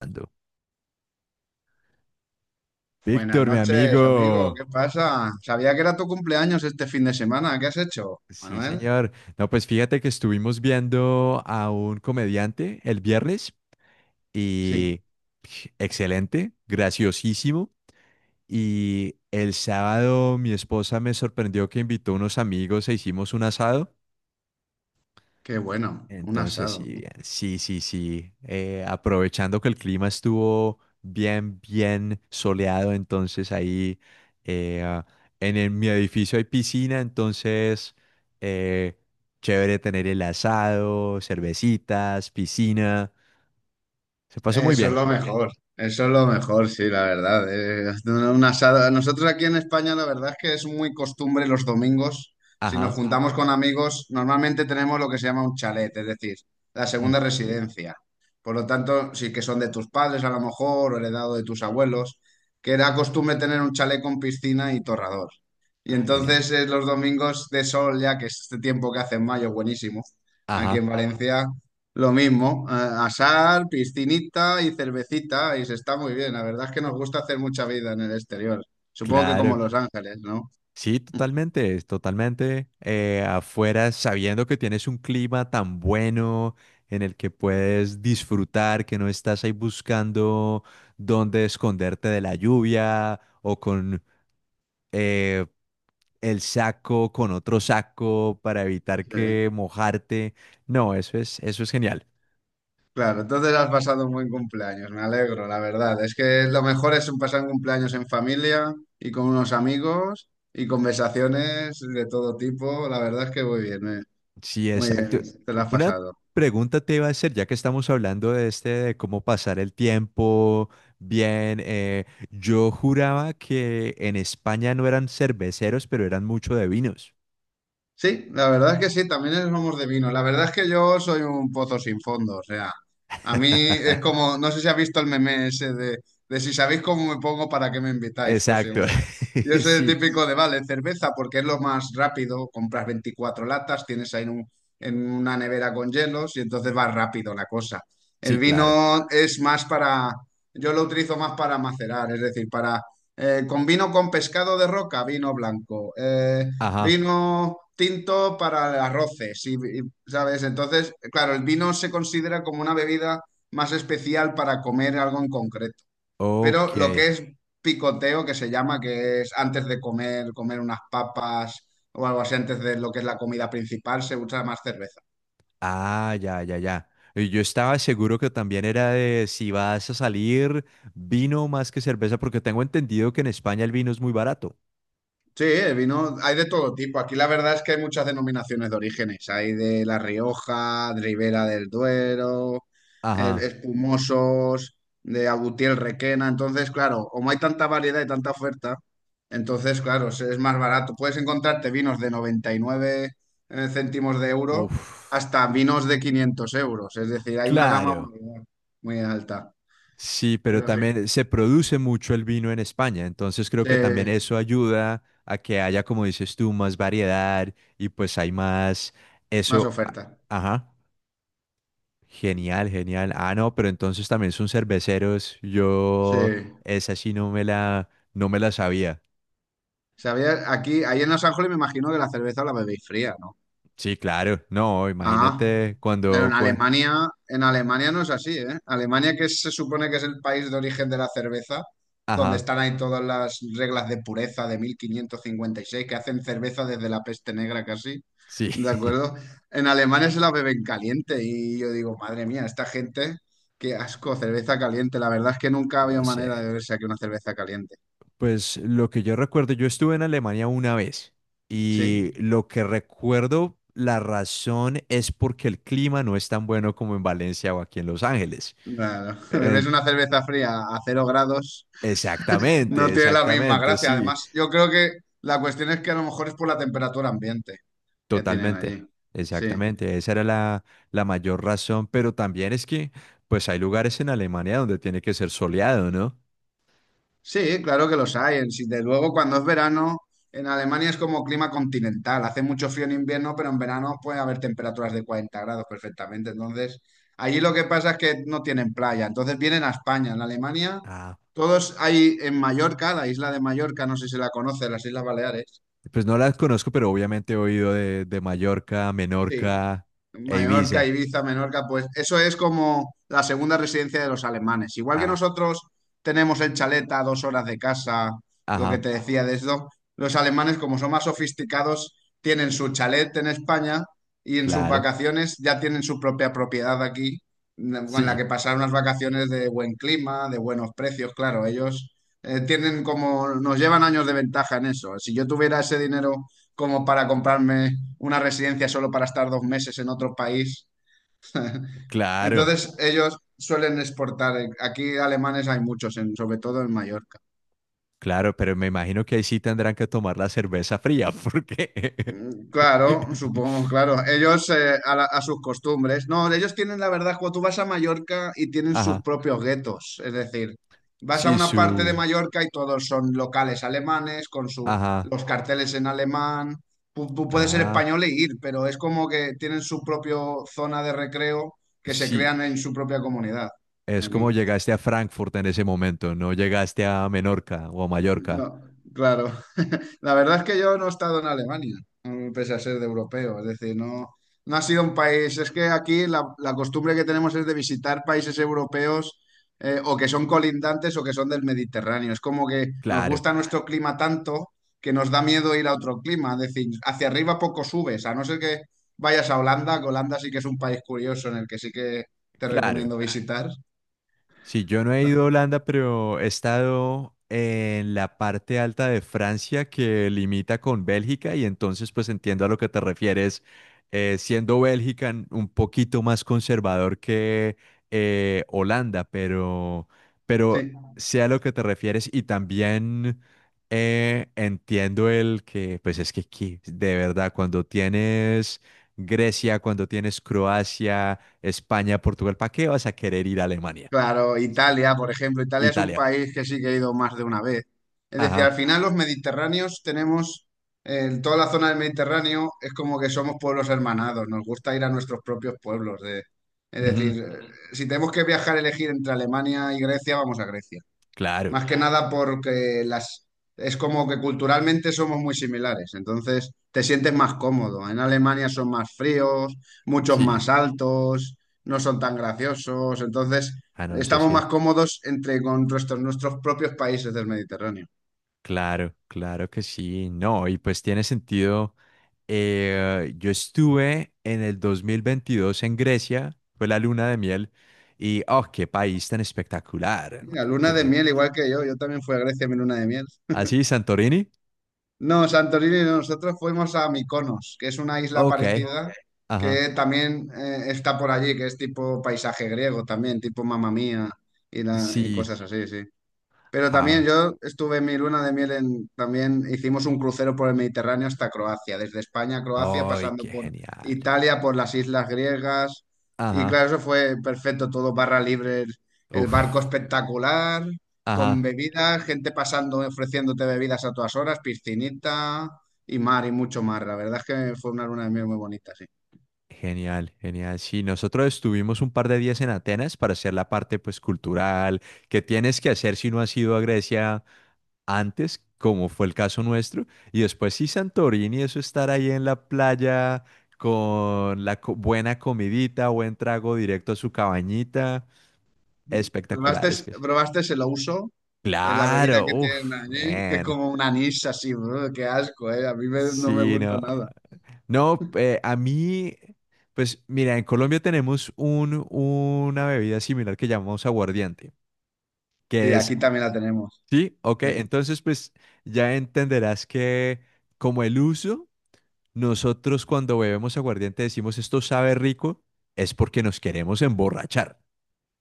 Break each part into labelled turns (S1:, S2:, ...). S1: Ando.
S2: Buenas
S1: Víctor, mi
S2: noches, amigo.
S1: amigo.
S2: ¿Qué pasa? Sabía que era tu cumpleaños este fin de semana. ¿Qué has hecho,
S1: Sí,
S2: Manuel?
S1: señor. No, pues fíjate que estuvimos viendo a un comediante el viernes
S2: Sí,
S1: y excelente, graciosísimo. Y el sábado mi esposa me sorprendió que invitó unos amigos e hicimos un asado.
S2: qué bueno. Un
S1: Entonces, sí,
S2: asado.
S1: bien. Sí, sí, sí. Aprovechando que el clima estuvo bien, bien soleado, entonces ahí eh, ah, mi edificio hay piscina, entonces eh, chévere tener el asado, cervecitas, piscina. Se pasó muy
S2: Eso es
S1: bien.
S2: lo mejor, eso es lo mejor, sí, la verdad. Una asada. Nosotros aquí en España, la verdad es que es muy costumbre los domingos, si nos
S1: Ajá.
S2: juntamos con amigos, normalmente tenemos lo que se llama un chalet, es decir, la segunda
S1: Mm.
S2: residencia. Por lo tanto, sí que son de tus padres a lo mejor, o heredado de tus abuelos, que era costumbre tener un chalet con piscina y torrador. Y
S1: Ah, genial.
S2: entonces los domingos de sol, ya que es este tiempo que hace en mayo, buenísimo, aquí en
S1: Ajá,
S2: Valencia. Lo mismo, asar, piscinita y cervecita, y se está muy bien. La verdad es que nos gusta hacer mucha vida en el exterior. Supongo que como
S1: claro.
S2: Los Ángeles, ¿no?
S1: Sí, totalmente, es totalmente. Afuera, sabiendo que tienes un clima tan bueno en el que puedes disfrutar, que no estás ahí buscando dónde esconderte de la lluvia o con eh, el saco, con otro saco para evitar
S2: Sí.
S1: que mojarte. No, eso es genial.
S2: Claro, entonces has pasado un buen cumpleaños, me alegro, la verdad. Es que lo mejor es un pasar un cumpleaños en familia y con unos amigos y conversaciones de todo tipo. La verdad es que muy bien.
S1: Sí,
S2: Muy
S1: exacto.
S2: bien, te lo has
S1: Una
S2: pasado.
S1: pregunta te iba a hacer, ya que estamos hablando de este, de cómo pasar el tiempo bien. Yo juraba que en España no eran cerveceros, pero eran mucho de vinos.
S2: Sí, la verdad es que sí, también somos de vino. La verdad es que yo soy un pozo sin fondo, o sea, a mí es como, no sé si has visto el meme ese de si sabéis cómo me pongo, ¿para qué me invitáis? Pues
S1: Exacto.
S2: igual. Exacto. Yo soy el
S1: Sí,
S2: típico de, vale, cerveza porque es lo más rápido, compras 24 latas, tienes ahí en una nevera con hielos y entonces va rápido la cosa. El
S1: sí, claro.
S2: vino es más para, yo lo utilizo más para macerar, es decir, para, con vino con pescado de roca, vino blanco.
S1: Ajá.
S2: Vino tinto para arroces, y, ¿sabes? Entonces, claro, el vino se considera como una bebida más especial para comer algo en concreto. Pero
S1: Ok.
S2: lo que es picoteo, que se llama, que es antes de comer, comer unas papas o algo así, antes de lo que es la comida principal, se usa más cerveza.
S1: Ah, ya, ya, ya. Y yo estaba seguro que también era de si vas a salir vino más que cerveza, porque tengo entendido que en España el vino es muy barato.
S2: Sí, el vino hay de todo tipo. Aquí la verdad es que hay muchas denominaciones de orígenes. Hay de La Rioja, de Ribera del Duero,
S1: Ajá.
S2: espumosos, de Agutiel Requena. Entonces, claro, como hay tanta variedad y tanta oferta, entonces, claro, es más barato. Puedes encontrarte vinos de 99 céntimos de euro
S1: Uf.
S2: hasta vinos de 500 euros. Es decir, hay una gama
S1: Claro,
S2: muy, muy alta.
S1: sí, pero
S2: Pero sí,
S1: también se produce mucho el vino en España, entonces creo
S2: sí,
S1: que también eso ayuda a que haya, como dices tú, más variedad y pues hay más,
S2: más
S1: eso,
S2: oferta.
S1: ajá, genial, genial. Ah, no, pero entonces también son cerveceros,
S2: Sí.
S1: yo esa sí no me la sabía.
S2: Sabía, aquí, ahí en Los Ángeles me imagino que la cerveza la bebéis fría, ¿no?
S1: Sí, claro, no,
S2: Ah,
S1: imagínate
S2: pero
S1: cuando,
S2: En Alemania no es así, ¿eh? Alemania, que se supone que es el país de origen de la cerveza, donde
S1: ajá,
S2: están ahí todas las reglas de pureza de 1556 que hacen cerveza desde la peste negra casi,
S1: sí.
S2: ¿de acuerdo? En Alemania se la beben caliente y yo digo, madre mía, esta gente, qué asco, cerveza caliente. La verdad es que nunca
S1: No
S2: había
S1: sé.
S2: manera de beberse aquí una cerveza caliente,
S1: Pues lo que yo recuerdo, yo estuve en Alemania una vez y
S2: ¿sí?
S1: lo que recuerdo, la razón es porque el clima no es tan bueno como en Valencia o aquí en Los Ángeles.
S2: Claro,
S1: Eh,
S2: bebes una cerveza fría a 0 grados, no
S1: Exactamente,
S2: tiene la misma
S1: exactamente,
S2: gracia.
S1: sí,
S2: Además, yo creo que la cuestión es que a lo mejor es por la temperatura ambiente que tienen
S1: totalmente,
S2: allí. Sí,
S1: exactamente. Esa era la mayor razón, pero también es que pues hay lugares en Alemania donde tiene que ser soleado, ¿no?
S2: sí, claro que los hay. Sí, De luego, cuando es verano, en Alemania es como clima continental. Hace mucho frío en invierno, pero en verano puede haber temperaturas de 40 grados perfectamente. Entonces, allí lo que pasa es que no tienen playa. Entonces vienen a España. En Alemania,
S1: Ah,
S2: todos hay en Mallorca, la isla de Mallorca, no sé si la conoce, las Islas Baleares.
S1: pues no las conozco, pero obviamente he oído de Mallorca,
S2: Sí,
S1: Menorca e
S2: Mallorca,
S1: Ibiza.
S2: Ibiza, Menorca, pues eso es como la segunda residencia de los alemanes. Igual que
S1: Ah,
S2: nosotros tenemos el chalet a 2 horas de casa, lo que
S1: ajá,
S2: te decía de esto, los alemanes, como son más sofisticados, tienen su chalet en España y en sus
S1: claro.
S2: vacaciones ya tienen su propia propiedad aquí, con la que
S1: Sí,
S2: pasar unas vacaciones de buen clima, de buenos precios. Claro, ellos tienen como, nos llevan años de ventaja en eso. Si yo tuviera ese dinero como para comprarme una residencia solo para estar 2 meses en otro país.
S1: claro,
S2: Entonces ellos suelen exportar. Aquí alemanes hay muchos, sobre todo en Mallorca.
S1: claro, pero me imagino que ahí sí tendrán que tomar la cerveza fría, porque.
S2: Claro, supongo, claro. Ellos a sus costumbres. No, ellos tienen la verdad, cuando tú vas a Mallorca y tienen sus
S1: Ajá,
S2: propios guetos. Es decir, vas a
S1: sí,
S2: una parte de
S1: su.
S2: Mallorca y todos son locales alemanes con
S1: Ajá,
S2: los carteles en alemán. Tú puedes ser
S1: ah,
S2: español e ir, pero es como que tienen su propia zona de recreo que se
S1: sí,
S2: crean en su propia comunidad.
S1: es como
S2: Aquí.
S1: llegaste a Frankfurt en ese momento, no llegaste a Menorca o a Mallorca.
S2: No, claro. La verdad es que yo no he estado en Alemania, pese a ser de europeo. Es decir, no, no ha sido un país. Es que aquí la costumbre que tenemos es de visitar países europeos o que son colindantes o que son del Mediterráneo. Es como que nos
S1: Claro,
S2: gusta nuestro clima tanto que nos da miedo ir a otro clima. Es decir, hacia arriba poco subes, a no ser que vayas a Holanda, que Holanda sí que es un país curioso en el que sí que te
S1: claro.
S2: recomiendo visitar.
S1: Sí, yo no he ido a Holanda, pero he estado en la parte alta de Francia que limita con Bélgica y entonces pues entiendo a lo que te refieres, siendo Bélgica un poquito más conservador que Holanda, pero
S2: Sí.
S1: sé a lo que te refieres y también entiendo el que pues es que aquí, de verdad, cuando tienes Grecia, cuando tienes Croacia, España, Portugal, ¿para qué vas a querer ir a Alemania?
S2: Claro,
S1: Sí.
S2: Italia, por ejemplo, Italia es un
S1: Italia.
S2: país que sí que he ido más de una vez. Es decir, al
S1: Ajá.
S2: final los mediterráneos tenemos, en toda la zona del Mediterráneo es como que somos pueblos hermanados, nos gusta ir a nuestros propios pueblos. Es
S1: Ujú,
S2: decir, Ujú. Si tenemos que viajar, elegir entre Alemania y Grecia, vamos a Grecia.
S1: claro.
S2: Más que nada porque las es como que culturalmente somos muy similares, entonces te sientes más cómodo. En Alemania son más fríos, muchos
S1: Sí.
S2: más altos, no son tan graciosos, entonces
S1: Ah, no, eso
S2: estamos
S1: sí.
S2: más cómodos entre con nuestros propios países del Mediterráneo.
S1: Claro, claro que sí. No, y pues tiene sentido. Yo estuve en el 2022 en Grecia, fue la luna de miel, y oh, qué país tan espectacular,
S2: Mira,
S1: hermano.
S2: luna de
S1: ¿Qué?
S2: miel, igual que yo también fui a Grecia en mi luna de miel.
S1: Así, Santorini.
S2: No, Santorini, no, nosotros fuimos a Mykonos, que es una isla
S1: Ok.
S2: parecida
S1: Ajá.
S2: que también está por allí, que es tipo paisaje griego también, tipo Mamma Mía y
S1: Sí.
S2: cosas así, sí. Pero también
S1: Ah,
S2: yo estuve en mi luna de miel también hicimos un crucero por el Mediterráneo hasta Croacia, desde España a Croacia,
S1: ay,
S2: pasando
S1: qué
S2: por
S1: genial.
S2: Italia, por las islas griegas. Y
S1: Ajá.
S2: claro, eso fue perfecto, todo barra libre, el barco
S1: Uf.
S2: espectacular, con
S1: Ajá.
S2: bebidas, gente pasando, ofreciéndote bebidas a todas horas, piscinita y mar y mucho mar. La verdad es que fue una luna de miel muy bonita, sí.
S1: Genial, genial. Sí, nosotros estuvimos un par de días en Atenas para hacer la parte pues cultural que tienes que hacer si no has ido a Grecia antes, como fue el caso nuestro, y después sí Santorini, eso estar ahí en la playa con buena comidita, buen trago directo a su cabañita,
S2: ¿Probaste,
S1: espectacular, es que sí.
S2: probaste el ouso? Es la bebida
S1: Claro,
S2: que tienen
S1: uff,
S2: allí, que es
S1: man.
S2: como un anís así, brr, qué asco, ¿eh? A mí no me
S1: Sí,
S2: gusta
S1: no.
S2: nada.
S1: No, a mí, pues mira, en Colombia tenemos una bebida similar que llamamos aguardiente,
S2: Sí,
S1: que
S2: aquí
S1: es,
S2: también la tenemos.
S1: sí, ok,
S2: Sí,
S1: entonces pues ya entenderás que como el uso, nosotros cuando bebemos aguardiente decimos esto sabe rico, es porque nos queremos emborrachar,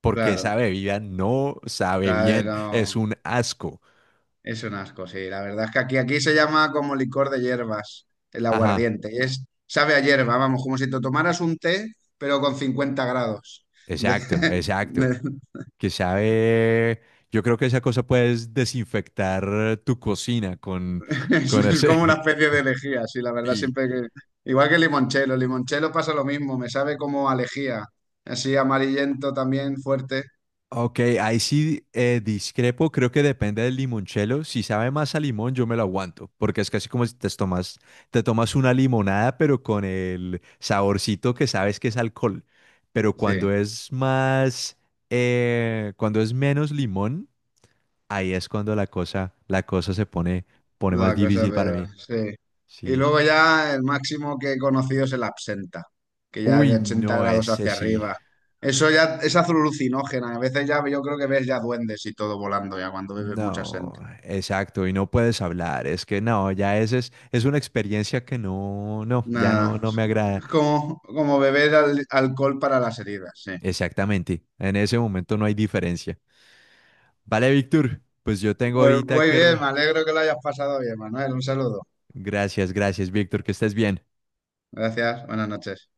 S1: porque esa
S2: claro. O
S1: bebida no sabe
S2: sea,
S1: bien, es
S2: no,
S1: un asco.
S2: es un asco, sí. La verdad es que aquí se llama como licor de hierbas, el
S1: Ajá,
S2: aguardiente. Y es, sabe a hierba, vamos, como si te tomaras un té, pero con 50 grados. De-
S1: exacto, exacto.
S2: de-
S1: Que sabe, yo creo que esa cosa puedes desinfectar tu cocina con, con
S2: es como una
S1: ese.
S2: especie de lejía, sí, la verdad,
S1: Y,
S2: siempre que... Igual que el limonchelo pasa lo mismo, me sabe como a lejía, así amarillento también, fuerte.
S1: ok, ahí sí discrepo, creo que depende del limonchelo. Si sabe más a limón, yo me lo aguanto, porque es casi como si te tomas una limonada, pero con el saborcito que sabes que es alcohol. Pero cuando
S2: Sí,
S1: es más, cuando es menos limón, ahí es cuando la cosa se pone más
S2: la cosa
S1: difícil para
S2: peor,
S1: mí.
S2: sí. Y
S1: Sí.
S2: luego ya el máximo que he conocido es el absenta, que ya es
S1: Uy,
S2: de 80
S1: no,
S2: grados
S1: ese
S2: hacia
S1: sí.
S2: arriba. Eso ya es alucinógena. A veces ya yo creo que ves ya duendes y todo volando ya cuando bebes mucha
S1: No,
S2: gente.
S1: exacto, y no puedes hablar, es que no, ya ese es una experiencia que no, no, ya no,
S2: Nada,
S1: no me agrada.
S2: es como beber alcohol para las heridas, sí.
S1: Exactamente, en ese momento no hay diferencia. Vale, Víctor, pues yo tengo
S2: Pues
S1: ahorita
S2: muy
S1: que.
S2: bien, me alegro que lo hayas pasado bien, Manuel. Un saludo.
S1: Gracias, gracias, Víctor, que estés bien.
S2: Gracias, buenas noches.